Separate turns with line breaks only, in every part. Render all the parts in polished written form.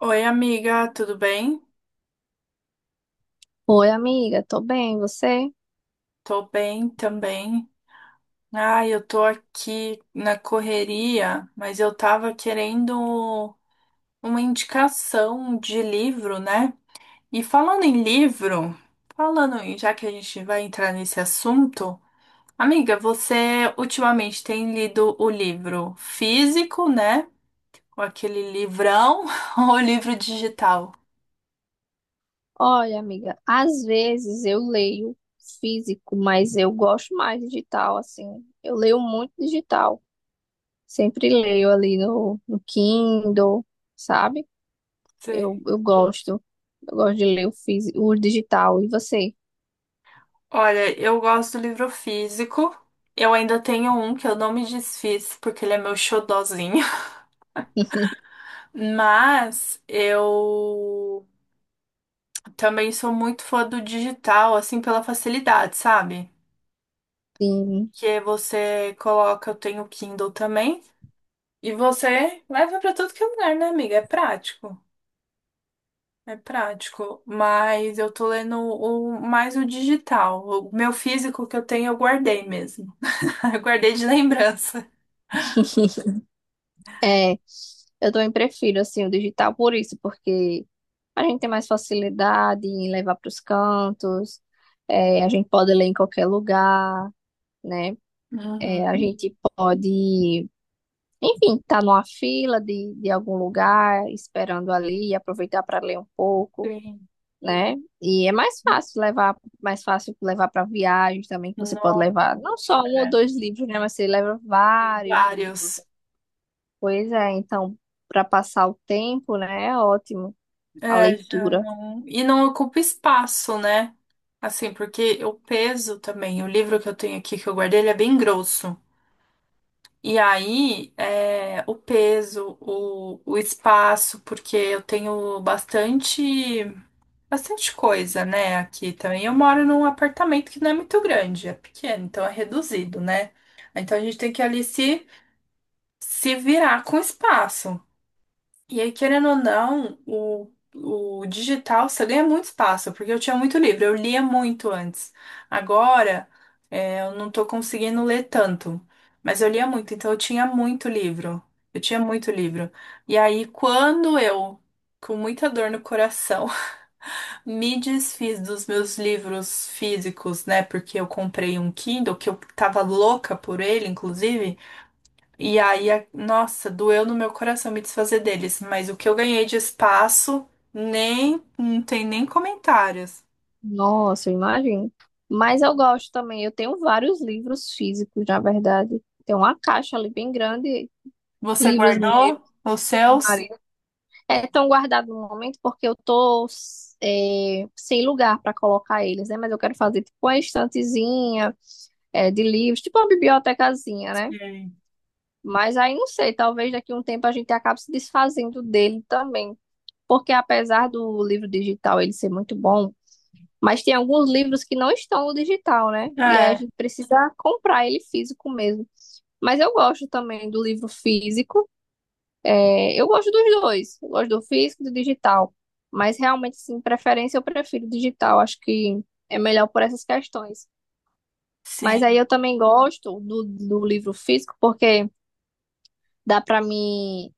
Oi, amiga, tudo bem?
Oi, amiga, tô bem, você?
Tô bem também. Ah, eu tô aqui na correria, mas eu tava querendo uma indicação de livro, né? E falando em livro, já que a gente vai entrar nesse assunto, amiga, você ultimamente tem lido o livro físico, né? Ou aquele livrão, ou o livro digital?
Olha, amiga, às vezes eu leio físico, mas eu gosto mais digital, assim. Eu leio muito digital. Sempre leio ali no Kindle, sabe? Eu gosto. Eu gosto de ler o físico, o digital. E você?
Olha, eu gosto do livro físico. Eu ainda tenho um que eu não me desfiz porque ele é meu xodozinho. Mas eu também sou muito fã do digital, assim, pela facilidade, sabe?
Sim.
Que é você coloca, eu tenho Kindle também, e você leva pra tudo que é lugar, né, amiga? É prático. É prático, mas eu tô lendo mais o digital. O meu físico que eu tenho eu guardei mesmo. Eu guardei de lembrança.
É, eu também prefiro, assim, o digital por isso, porque a gente tem mais facilidade em levar para os cantos, é, a gente pode ler em qualquer lugar, né? É, a
Uhum.
gente pode, enfim, estar numa fila de algum lugar, esperando ali, e aproveitar para ler um pouco,
Sim.
né? E é mais fácil levar para viagens também, que você pode
Nossa,
levar não só um ou dois livros, né? Mas você leva vários livros.
vários.
Pois é, então, para passar o tempo, né? É ótimo a
É, já
leitura.
não. E não ocupa espaço, né? Assim, porque o peso também, o livro que eu tenho aqui que eu guardei, ele é bem grosso. E aí, é, o peso, o espaço, porque eu tenho bastante, bastante coisa, né, aqui também. Eu moro num apartamento que não é muito grande, é pequeno, então é reduzido, né? Então a gente tem que ali se virar com espaço. E aí, querendo ou não, o digital você ganha muito espaço, porque eu tinha muito livro, eu lia muito antes. Agora, é, eu não tô conseguindo ler tanto, mas eu lia muito, então eu tinha muito livro. Eu tinha muito livro. E aí, quando eu, com muita dor no coração, me desfiz dos meus livros físicos, né? Porque eu comprei um Kindle, que eu tava louca por ele, inclusive. E aí, nossa, doeu no meu coração me desfazer deles, mas o que eu ganhei de espaço, nem, não tem nem comentários.
Nossa, eu imagino. Mas eu gosto também, eu tenho vários livros físicos, na verdade. Tem uma caixa ali bem grande,
Você
livros meus.
guardou os
Meu
seus?
marido é tão guardado no momento porque eu tô sem lugar para colocar eles, né? Mas eu quero fazer tipo uma estantezinha de livros, tipo uma bibliotecazinha, né?
Sim.
Mas aí não sei, talvez daqui a um tempo a gente acabe se desfazendo dele também. Porque apesar do livro digital ele ser muito bom, mas tem alguns livros que não estão no digital, né? E aí a
É,
gente precisa comprar ele físico mesmo. Mas eu gosto também do livro físico. É, eu gosto dos dois, eu gosto do físico e do digital, mas realmente, sim, preferência eu prefiro digital, acho que é melhor por essas questões. Mas aí
sim.
eu também gosto do livro físico, porque dá para mim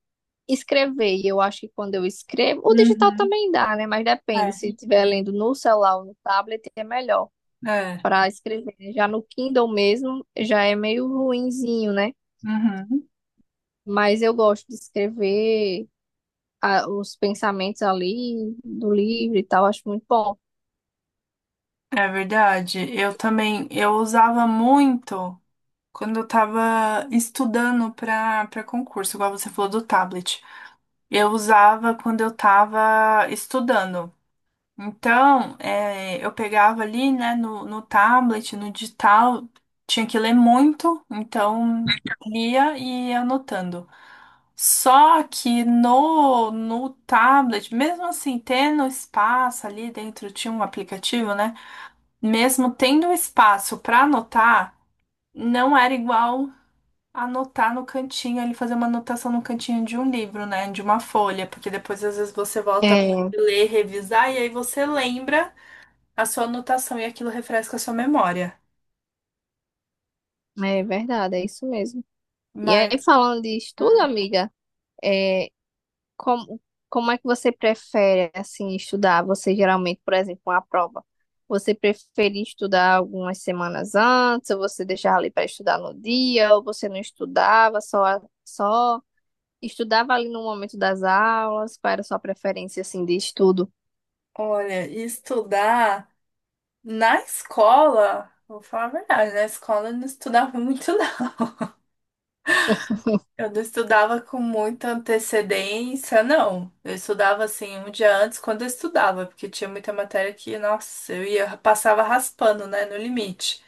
escrever, e eu acho que quando eu escrevo, o digital
Uhum.
também dá, né? Mas depende,
É,
se estiver lendo no celular ou no tablet, é melhor
é.
para escrever. Né? Já no Kindle mesmo, já é meio ruinzinho, né?
Uhum.
Mas eu gosto de escrever os pensamentos ali do livro e tal, acho muito bom.
É verdade. Eu também, eu usava muito quando eu tava estudando para para concurso, igual você falou do tablet. Eu usava quando eu tava estudando. Então, eu pegava ali, né, no tablet, no digital, tinha que ler muito, então lia e ia anotando. Só que no tablet, mesmo assim, tendo espaço ali dentro, tinha um aplicativo, né? Mesmo tendo espaço para anotar, não era igual anotar no cantinho, ele fazer uma anotação no cantinho de um livro, né, de uma folha, porque depois às vezes você volta a
É,
ler, revisar, e aí você lembra a sua anotação e aquilo refresca a sua memória.
é verdade, é isso mesmo. E
Mas,
aí, falando de estudo,
hum,
amiga, é, como, como é que você prefere, assim, estudar? Você geralmente, por exemplo, uma prova, você prefere estudar algumas semanas antes, ou você deixava ali para estudar no dia, ou você não estudava, só estudava ali no momento das aulas? Qual era a sua preferência, assim, de estudo?
olha, estudar na escola, vou falar a verdade, na escola eu não estudava muito, não. Eu não estudava com muita antecedência, não. Eu estudava assim um dia antes quando eu estudava, porque tinha muita matéria que, nossa, eu ia passava raspando, né, no limite.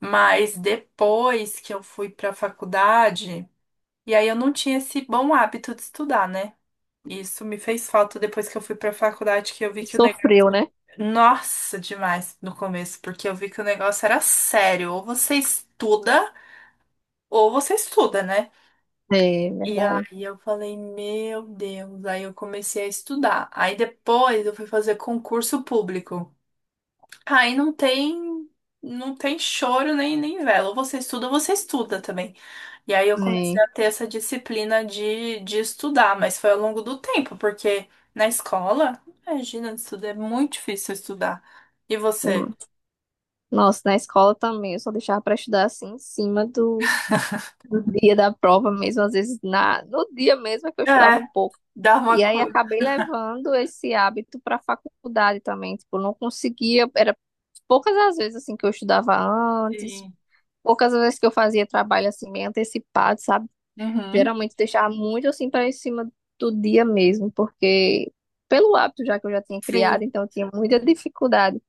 Mas depois que eu fui para a faculdade, e aí eu não tinha esse bom hábito de estudar, né? Isso me fez falta depois que eu fui pra faculdade, que eu vi que o negócio.
Sofreu, né?
Nossa, demais no começo, porque eu vi que o negócio era sério. Ou você estuda, né?
É
E
verdade.
aí eu falei, meu Deus. Aí eu comecei a estudar. Aí depois eu fui fazer concurso público. Aí não tem, não tem choro nem vela. Ou você estuda também. E aí eu comecei
É.
a ter essa disciplina de estudar, mas foi ao longo do tempo, porque na escola, imagina, estudar é muito difícil estudar. E você?
Nossa, na escola também, eu só deixava para estudar assim em cima do dia da prova mesmo, às vezes no dia mesmo é que eu estudava
É,
um pouco.
dá uma
E aí
coisa.
acabei levando esse hábito para a faculdade também, tipo, não conseguia, era poucas as vezes assim que eu estudava antes,
Sim.
poucas as vezes que eu fazia trabalho assim meio antecipado, sabe?
Uhum,
Geralmente deixava muito assim para em cima do dia mesmo, porque pelo hábito já que eu já tinha criado,
sim.
então eu tinha muita dificuldade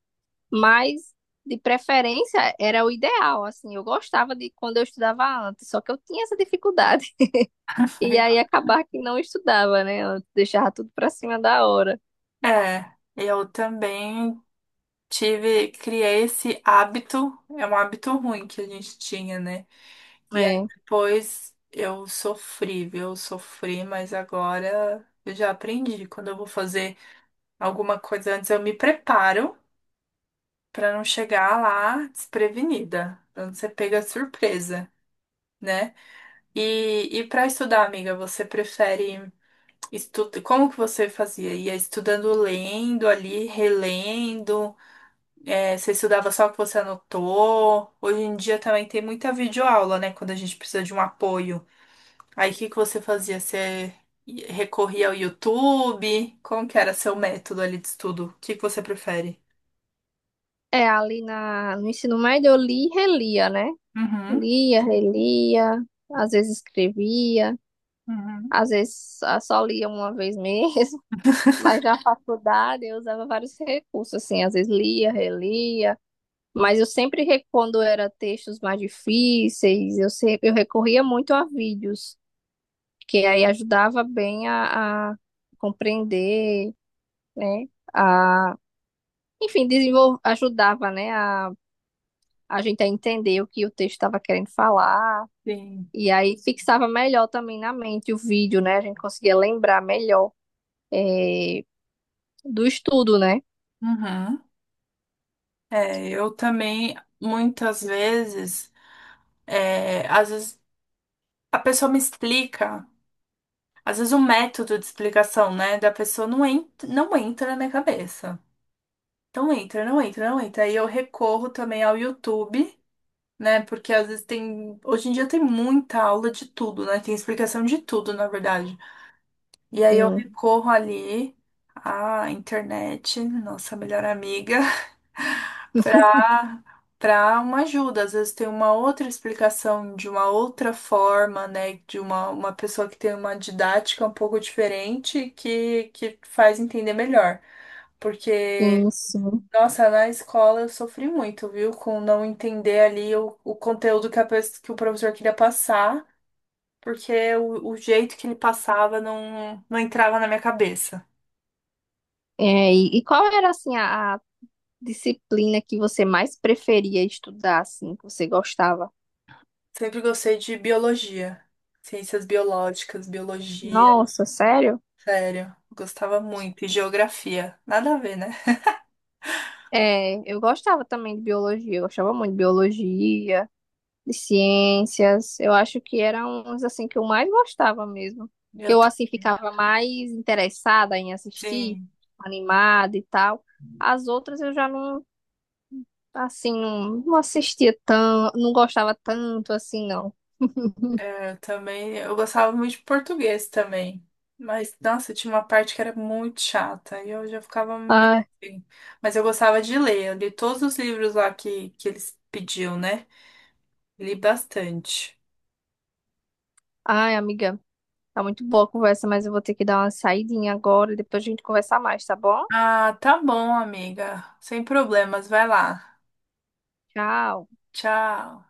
mas, de preferência, era o ideal, assim. Eu gostava de quando eu estudava antes, só que eu tinha essa dificuldade. E aí acabar que não estudava, né? Eu deixava tudo pra cima da hora.
É, eu também tive, criei esse hábito, é um hábito ruim que a gente tinha, né? E aí
É,
depois eu sofri, viu? Eu sofri, mas agora eu já aprendi. Quando eu vou fazer alguma coisa antes, eu me preparo pra não chegar lá desprevenida, pra não ser pega de surpresa, né? E para estudar, amiga, você prefere estudar? Como que você fazia? Ia estudando lendo ali, relendo? É, você estudava só o que você anotou? Hoje em dia também tem muita videoaula, né? Quando a gente precisa de um apoio. Aí o que que você fazia? Você recorria ao YouTube? Como que era seu método ali de estudo? O que que você prefere?
é ali na, no ensino médio eu li e relia, né?
Uhum,
Lia, relia, às vezes escrevia,
uhum,
às vezes ah, só lia uma vez mesmo, mas na faculdade eu usava vários recursos, assim, às vezes lia, relia, mas eu sempre, quando era textos mais difíceis, eu, eu recorria muito a vídeos, que aí ajudava bem a compreender, né? A, enfim, ajudava, né? A gente a entender o que o texto estava querendo falar.
sim.
E aí fixava melhor também na mente o vídeo, né? A gente conseguia lembrar melhor eh, do estudo, né?
Uhum. É, eu também, muitas vezes, é, às vezes a pessoa me explica, às vezes o método de explicação, né, da pessoa entra, não entra na minha cabeça. Então entra, não entra, não entra. Aí eu recorro também ao YouTube, né? Porque às vezes tem. Hoje em dia tem muita aula de tudo, né? Tem explicação de tudo, na verdade. E aí eu
Sim,
recorro ali à internet, nossa melhor amiga, pra, pra uma ajuda. Às vezes tem uma outra explicação de uma outra forma, né? De uma pessoa que tem uma didática um pouco diferente que faz entender melhor. Porque
sim, sim.
nossa, na escola eu sofri muito, viu? Com não entender ali o conteúdo que, que o professor queria passar, porque o jeito que ele passava não entrava na minha cabeça.
É, e qual era, assim, a disciplina que você mais preferia estudar, assim, que você gostava?
Sempre gostei de biologia, ciências biológicas, biologia,
Nossa, sério?
sério, gostava muito. E geografia, nada a ver, né?
É, eu gostava também de biologia, eu gostava muito de biologia, de ciências. Eu acho que eram uns assim que eu mais gostava mesmo, que
Eu,
eu
ta-
assim ficava mais interessada em assistir,
sim.
animada e tal. As outras eu já não assim não, não assistia tanto, não gostava tanto assim não.
É, eu também, eu gostava muito de português também. Mas, nossa, tinha uma parte que era muito chata e eu já ficava meio.
Ai,
Assim. Mas eu gostava de ler, eu li todos os livros lá que eles pediam, né? Li bastante.
ai, amiga. Tá muito boa a conversa, mas eu vou ter que dar uma saidinha agora e depois a gente conversar mais, tá bom?
Ah, tá bom, amiga. Sem problemas, vai lá.
Tchau.
Tchau.